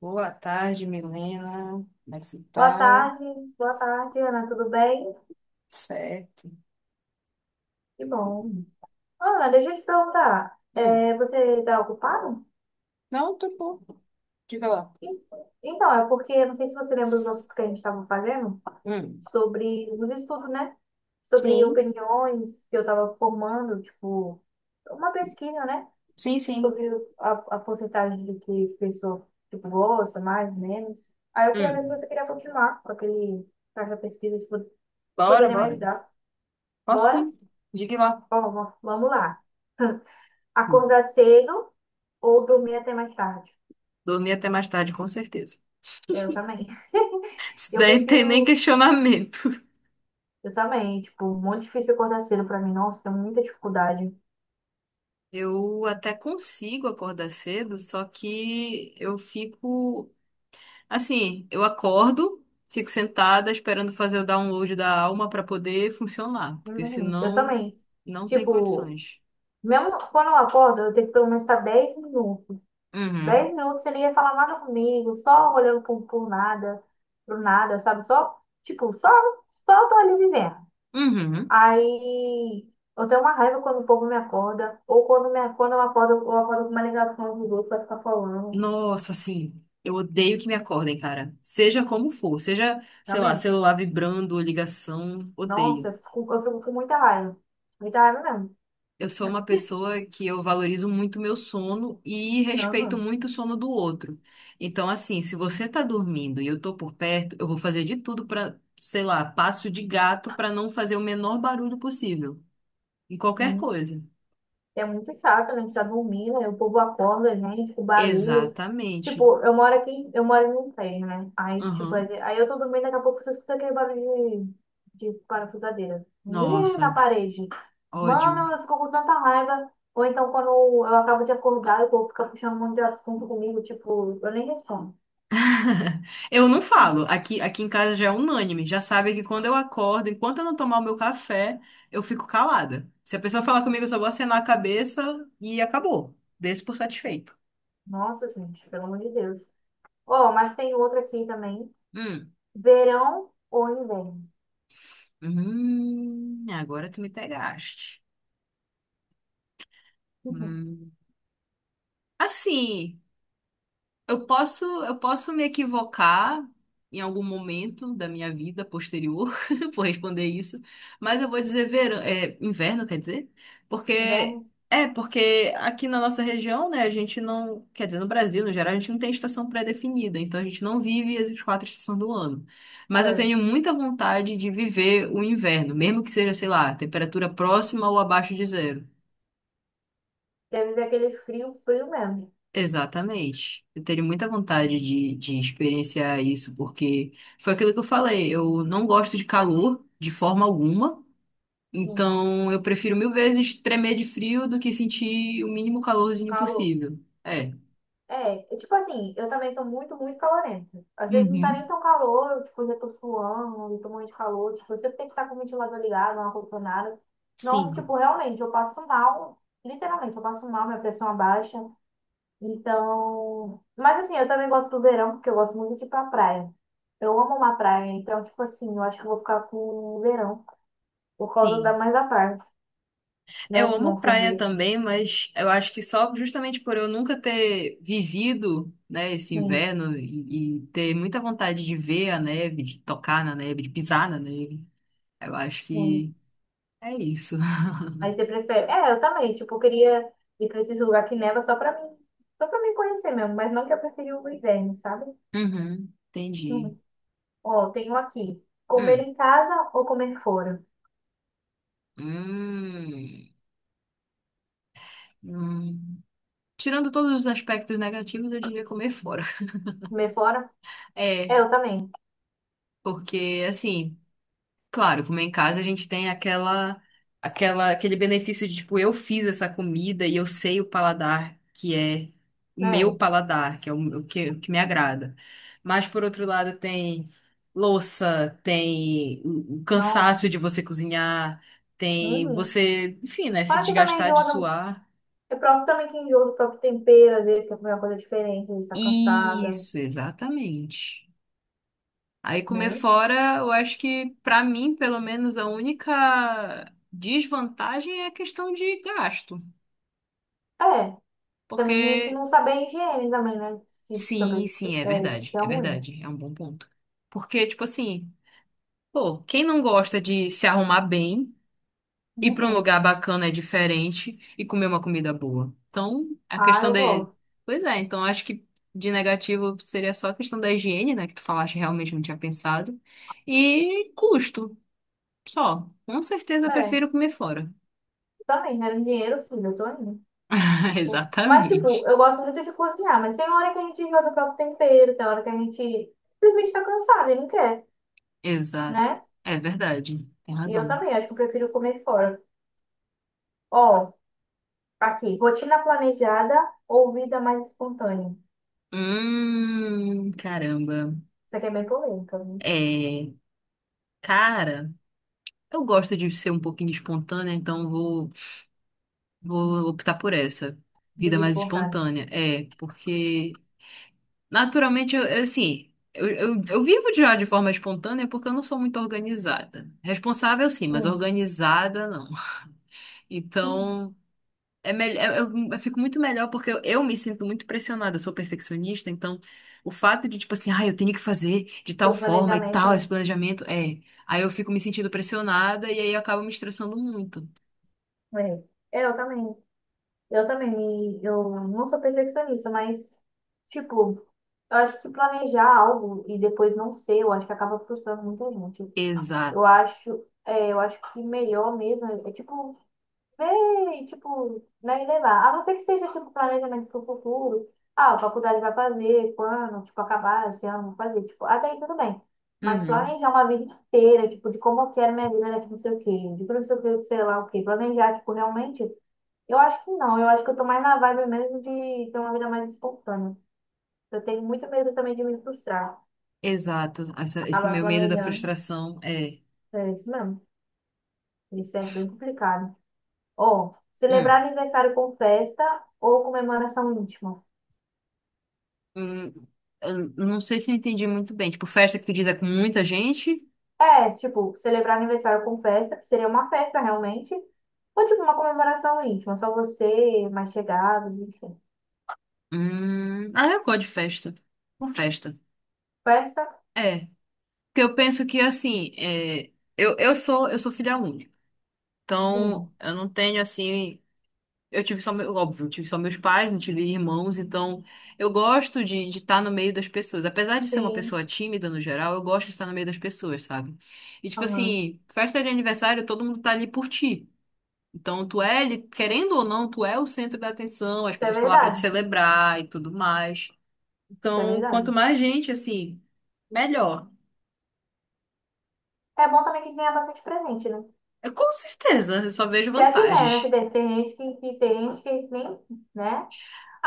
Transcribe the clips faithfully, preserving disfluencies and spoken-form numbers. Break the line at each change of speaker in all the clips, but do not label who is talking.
Boa tarde, Milena. Como é que você
Boa
tá?
tarde, boa tarde, Ana, tudo bem?
Certo.
Que bom. Ana, deixa eu te perguntar,
Hum.
é, você está ocupado?
Não, tô bom. Diga lá.
En- Então, é porque não sei se você lembra dos assuntos que a gente estava fazendo,
Hum.
sobre os estudos, né? Sobre
Sim,
opiniões que eu estava formando, tipo, uma pesquisa, né?
sim, sim.
Sobre a, a porcentagem de que pessoa, tipo, gosta, mais, menos. Aí eu queria ver se
Hum.
você queria continuar com aquele, com aquela pesquisa, se pod- se
Bora,
poderia me
bora.
ajudar.
Posso
Bora?
sim. Diga lá.
Ó, vamos lá.
Hum.
Acordar cedo ou dormir até mais tarde?
Dormi até mais tarde, com certeza.
Eu também.
Isso
Eu
daí não tem nem
prefiro.
questionamento.
Eu também. Tipo, muito difícil acordar cedo pra mim. Nossa, tenho muita dificuldade.
Eu até consigo acordar cedo, só que eu fico assim, eu acordo, fico sentada esperando fazer o download da alma para poder funcionar, porque
Uhum, eu
senão
também.
não tem
Tipo,
condições.
mesmo quando eu acordo, eu tenho que pelo menos estar dez minutos.
Uhum.
dez minutos sem ninguém falar nada comigo, só olhando pro, pro nada, pro nada, sabe? Só, tipo, só, só tô ali vivendo.
Uhum.
Aí eu tenho uma raiva quando o povo me acorda, ou quando, me, quando eu acordo, eu acordo com uma ligação dos outros pra ficar falando.
Nossa, assim, eu odeio que me acordem, cara. Seja como for, seja, sei lá,
Também.
celular vibrando, ligação, odeio.
Nossa, eu fico, eu fico com muita raiva. Muita raiva mesmo.
Eu sou uma pessoa que eu valorizo muito meu sono e respeito
Aham,
muito o sono do outro. Então, assim, se você tá dormindo e eu tô por perto, eu vou fazer de tudo pra, sei lá, passo de gato pra não fazer o menor barulho possível em qualquer
sim.
coisa.
É muito chato, né? A gente tá dormindo, aí o povo acorda a gente, com barulho.
Exatamente.
Tipo, eu moro aqui, eu moro em um prédio, né? Aí, tipo, aí
Aham.
aí eu tô dormindo, daqui a pouco você escuta aquele barulho de, de parafusadeira. Ih, na
Nossa,
parede.
ódio.
Mano, eu fico com tanta raiva. Ou então, quando eu acabo de acordar, o povo fica puxando um monte de assunto comigo, tipo, eu nem respondo.
Eu não falo. Aqui, aqui em casa já é unânime. Já sabe que quando eu acordo, enquanto eu não tomar o meu café, eu fico calada. Se a pessoa falar comigo, eu só vou acenar a cabeça e acabou. Desse por satisfeito.
Nossa, gente, pelo amor de Deus. Ó, mas tem outra aqui também.
Hum.
Verão ou inverno?
Hum, agora tu me pegaste.
Uhum.
Hum. Assim. Eu posso, eu posso me equivocar em algum momento da minha vida posterior por responder isso, mas eu vou dizer verão, é, inverno, quer dizer? Porque
Inverno?
É porque aqui na nossa região, né, a gente não, quer dizer, no Brasil, no geral, a gente não tem estação pré-definida, então a gente não vive as quatro estações do ano. Mas eu
É.
tenho muita vontade de viver o inverno, mesmo que seja, sei lá, temperatura próxima ou abaixo de zero.
Deve ver aquele frio, frio mesmo.
Exatamente. Eu teria muita vontade de, de experienciar isso, porque foi aquilo que eu falei. Eu não gosto de calor de forma alguma,
Sim.
então eu prefiro mil vezes tremer de frio do que sentir o mínimo
Um
calorzinho
calor.
possível. É.
É, e tipo assim, eu também sou muito, muito calorenta. Às vezes não tá
Uhum.
nem tão calor, eu, tipo, já tô suando, já tô morrendo de calor. Tipo, eu sempre tem que estar com o ventilador ligado, não ar-condicionado. Não, tipo,
Sim,
realmente, eu passo mal. Literalmente, eu passo mal, minha pressão abaixa. Então, mas assim, eu também gosto do verão, porque eu gosto muito de ir pra praia. Eu amo uma praia, então tipo assim, eu acho que eu vou ficar com o verão. Por causa
sim.
da mais da parte,
Eu
né? Tomar
amo
um
praia
sorvete.
também, mas eu acho que só justamente por eu nunca ter vivido, né, esse
Sim,
inverno e, e ter muita vontade de ver a neve, de tocar na neve, de pisar na neve, eu acho
sim.
que. É isso.
Aí você prefere. É, eu também. Tipo, eu queria ir pra esses lugares que neva só pra mim. Só pra me conhecer mesmo. Mas não que eu preferi o inverno, sabe?
Uhum, entendi.
Uhum. Ó, tem um aqui. Comer
Hum,
em casa ou comer fora?
hum, hum. Tirando todos os aspectos negativos, eu diria comer fora.
Comer fora?
É,
É, eu também.
porque assim. Claro, comer em casa a gente tem aquela, aquela, aquele benefício de, tipo, eu fiz essa comida e eu sei o paladar que é o meu
É.
paladar, que é o, o que, o que me agrada. Mas, por outro lado, tem louça, tem o, o cansaço
Nossa.
de você cozinhar, tem
Uhum.
você, enfim, né, se
Fora que também
desgastar de
enjoa do.
suar.
É próprio também que enjoa do próprio tempero, às vezes quer comer uma coisa diferente, às vezes tá cansada,
Isso, exatamente. Aí comer
né?
fora, eu acho que pra mim, pelo menos, a única desvantagem é a questão de gasto.
É. Também a gente
Porque
não sabe a higiene também, né? Se, deixa eu ver
sim,
se
sim, é
é,
verdade,
se é
é
ruim, né?
verdade, é um bom ponto. Porque tipo assim, pô, quem não gosta de se arrumar bem, ir pra um
Não.
lugar bacana é diferente e comer uma comida boa. Então, a
Ah,
questão
eu
da
gosto.
Pois é, então acho que de negativo seria só a questão da higiene, né, que tu falaste, realmente não tinha pensado. E custo. Só, com certeza eu
É,
prefiro comer fora.
também, né? Dinheiro, sim, eu tô indo. Mas tipo,
Exatamente.
eu gosto muito de cozinhar, mas tem hora que a gente joga o próprio tempero, tem hora que a gente simplesmente tá cansado e não quer,
Exato.
né?
É verdade. Tem
E eu
razão.
também, acho que eu prefiro comer fora. Ó, aqui, rotina planejada ou vida mais espontânea?
Hum, caramba.
Isso aqui é bem polêmica, viu?
É, cara, eu gosto de ser um pouquinho espontânea, então vou, vou optar por essa. Vida
Vida
mais
espontânea.
espontânea. É, porque naturalmente, eu, eu, assim, eu, eu, eu vivo já de forma espontânea porque eu não sou muito organizada. Responsável, sim, mas
Sim.
organizada, não. Então. É melhor, eu, eu- fico muito melhor porque eu, eu me sinto muito pressionada, eu sou perfeccionista, então o fato de, tipo assim, ah, eu tenho que fazer de tal
Tem um
forma e
planejamento,
tal,
né?
esse planejamento, é. Aí eu fico me sentindo pressionada e aí eu acabo me estressando muito.
É. Eu também. Eu também me, eu não sou perfeccionista, mas, tipo, eu acho que planejar algo e depois não ser, eu acho que acaba frustrando muita gente. Eu
Exato.
acho, é, eu acho que melhor mesmo é, é, tipo, ver e, tipo, né, e levar. A não ser que seja, tipo, planejamento pro futuro. Ah, a faculdade vai fazer, quando, tipo, acabar esse ano, vou fazer, tipo, até aí tudo bem. Mas
Uhum.
planejar uma vida inteira, tipo, de como eu quero minha vida daqui, não sei o quê, de não sei o quê, sei lá o quê. Planejar, tipo, realmente. Eu acho que não, eu acho que eu tô mais na vibe mesmo de ter uma vida mais espontânea. Eu tenho muito medo também de me frustrar,
Exato. Essa- esse
acabar
meu medo da
planejando.
frustração é.
É isso mesmo, isso é bem complicado. Ou
Hum.
celebrar aniversário com festa ou comemoração íntima.
Hum. Eu não sei se eu entendi muito bem. Tipo, festa que tu diz é com muita gente?
É, tipo, celebrar aniversário com festa, que seria uma festa realmente, ou tipo uma comemoração íntima, só você, mais chegados, enfim.
Hum. Ah, eu gosto de festa. Com festa.
Festa,
É. Porque eu penso que, assim, é, eu, eu sou, eu sou filha única. Então,
sim,
eu não tenho, assim. Eu tive só, meu, óbvio, eu tive só meus pais, não tive irmãos. Então, eu gosto de estar no meio das pessoas. Apesar de ser uma
sim,
pessoa tímida no geral, eu gosto de estar no meio das pessoas, sabe? E, tipo
aham.
assim, festa de aniversário, todo mundo tá ali por ti. Então, tu é, ali- querendo ou não, tu é o centro da atenção, as
Isso é
pessoas estão lá pra te
verdade,
celebrar e tudo mais.
isso é
Então, quanto
verdade.
mais gente, assim, melhor.
É bom também que ganha bastante presente, né?
Eu, com certeza, eu só vejo
Se é que né, né? Que
vantagens.
tem tem gente que, que tem gente que nem, né?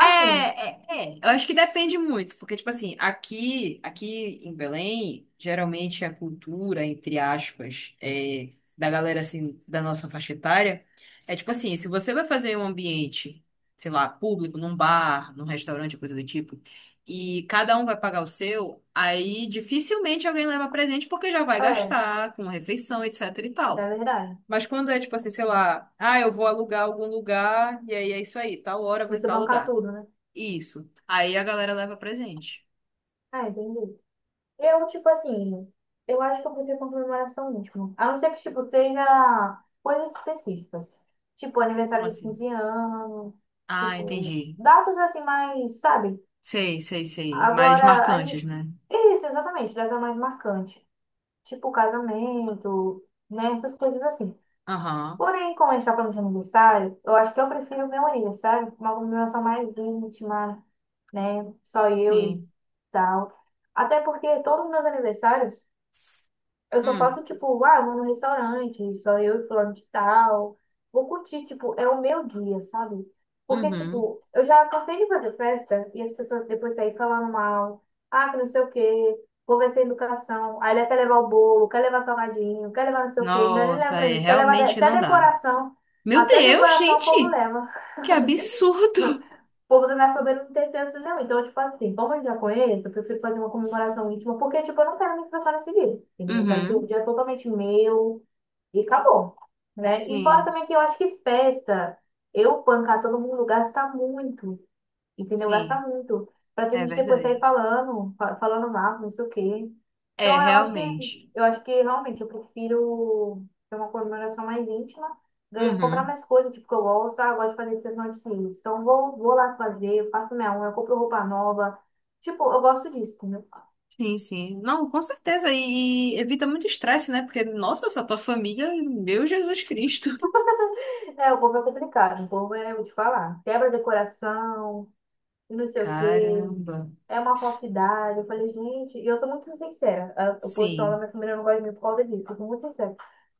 É, é, é. Eu acho que depende muito, porque, tipo assim, aqui, aqui em Belém, geralmente a cultura, entre aspas, é, da galera, assim, da nossa faixa etária, é tipo assim, se você vai fazer em um ambiente, sei lá, público, num bar, num restaurante, coisa do tipo, e cada um vai pagar o seu, aí dificilmente alguém leva presente porque já vai
é,
gastar com refeição, etc e
é
tal.
verdade.
Mas quando é tipo assim, sei lá, ah, eu vou alugar algum lugar, e aí é isso aí, tal hora vai
Você
tal
bancar
lugar.
tudo, né?
Isso. Aí a galera leva presente.
Ah, entendi. Eu, tipo assim, eu acho que eu vou ter comemoração última. A não ser que, tipo, seja coisas específicas. Tipo,
Como
aniversário de
assim?
quinze anos,
Ah,
tipo,
entendi.
datas assim mais, sabe?
Sei, sei, sei. Mais
Agora, ani-
marcantes, né?
isso, exatamente, data mais marcante. Tipo, casamento, né? Essas coisas assim.
Aham.
Porém, como a gente tá falando de aniversário, eu acho que eu prefiro o meu aniversário, uma comemoração mais íntima, né? Só eu e
Sim.
tal. Até porque todos os meus aniversários eu só
Hum.
faço, tipo, ah, vou no restaurante, só eu e fulano de tal. Vou curtir, tipo, é o meu dia, sabe? Porque,
Uhum.
tipo, eu já cansei de fazer festa e as pessoas depois saírem falando mal. Ah, que não sei o quê, vou ver sem educação. Aí ele quer levar o bolo, quer levar salgadinho, quer levar não sei o quê, ainda nem leva
Nossa,
pra
é,
gente, quer levar de-
realmente
até
não dá.
decoração.
Meu
Até
Deus,
decoração o povo
gente!
leva.
Que absurdo!
O povo da minha família não tem senso, não. Então tipo assim, como eu já conheço, eu prefiro fazer uma comemoração íntima, porque, tipo, eu não quero me tratar nesse dia. Entendeu? Eu quero ser um
Uhum.
dia totalmente meu e acabou, né? E fora
Sim,
também que eu acho que festa, eu bancar todo mundo gasta muito, entendeu? Gasta
sim.
muito. Pra que a
É
gente depois sair
verdade.
falando, fa- falando mal, não sei o quê. Então
É,
eu acho que
realmente.
eu acho que realmente eu prefiro ter uma comemoração mais íntima, ganhar, comprar
Uhum.
mais coisas, tipo, que eu gosto, ah, eu gosto de fazer sessão de cílios. Então eu vou, vou lá fazer, eu faço minha unha, eu compro roupa nova. Tipo, eu gosto disso, entendeu?
Sim, sim. Não, com certeza. E, e evita muito estresse, né? Porque, nossa, essa tua família, meu Jesus Cristo.
É, o povo é complicado, o povo é, eu vou te falar, quebra decoração e não sei o quê.
Caramba.
É uma falsidade. Eu falei, gente, e eu sou muito sincera. A, a porção da
Sim.
minha família não gosta de mim por causa disso. Eu sou muito sincera.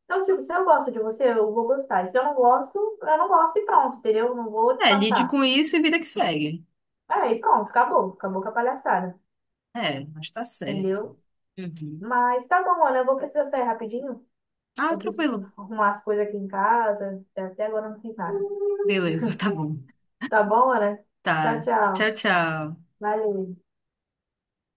Então, tipo, se eu gosto de você, eu vou gostar. E se eu não gosto, eu não gosto e pronto, entendeu? Eu não vou
É, lide
disfarçar.
com isso e vida que segue.
Aí, pronto, acabou. Acabou com a palhaçada,
É, mas tá certo.
entendeu?
Uhum.
Mas tá bom, olha, eu vou precisar sair rapidinho.
Ah,
Eu preciso
tranquilo.
arrumar as coisas aqui em casa. Até agora eu não fiz nada.
Beleza, tá bom.
Tá bom, Ana? Tchau,
Tá. Tchau,
tchau.
tchau.
Valeu.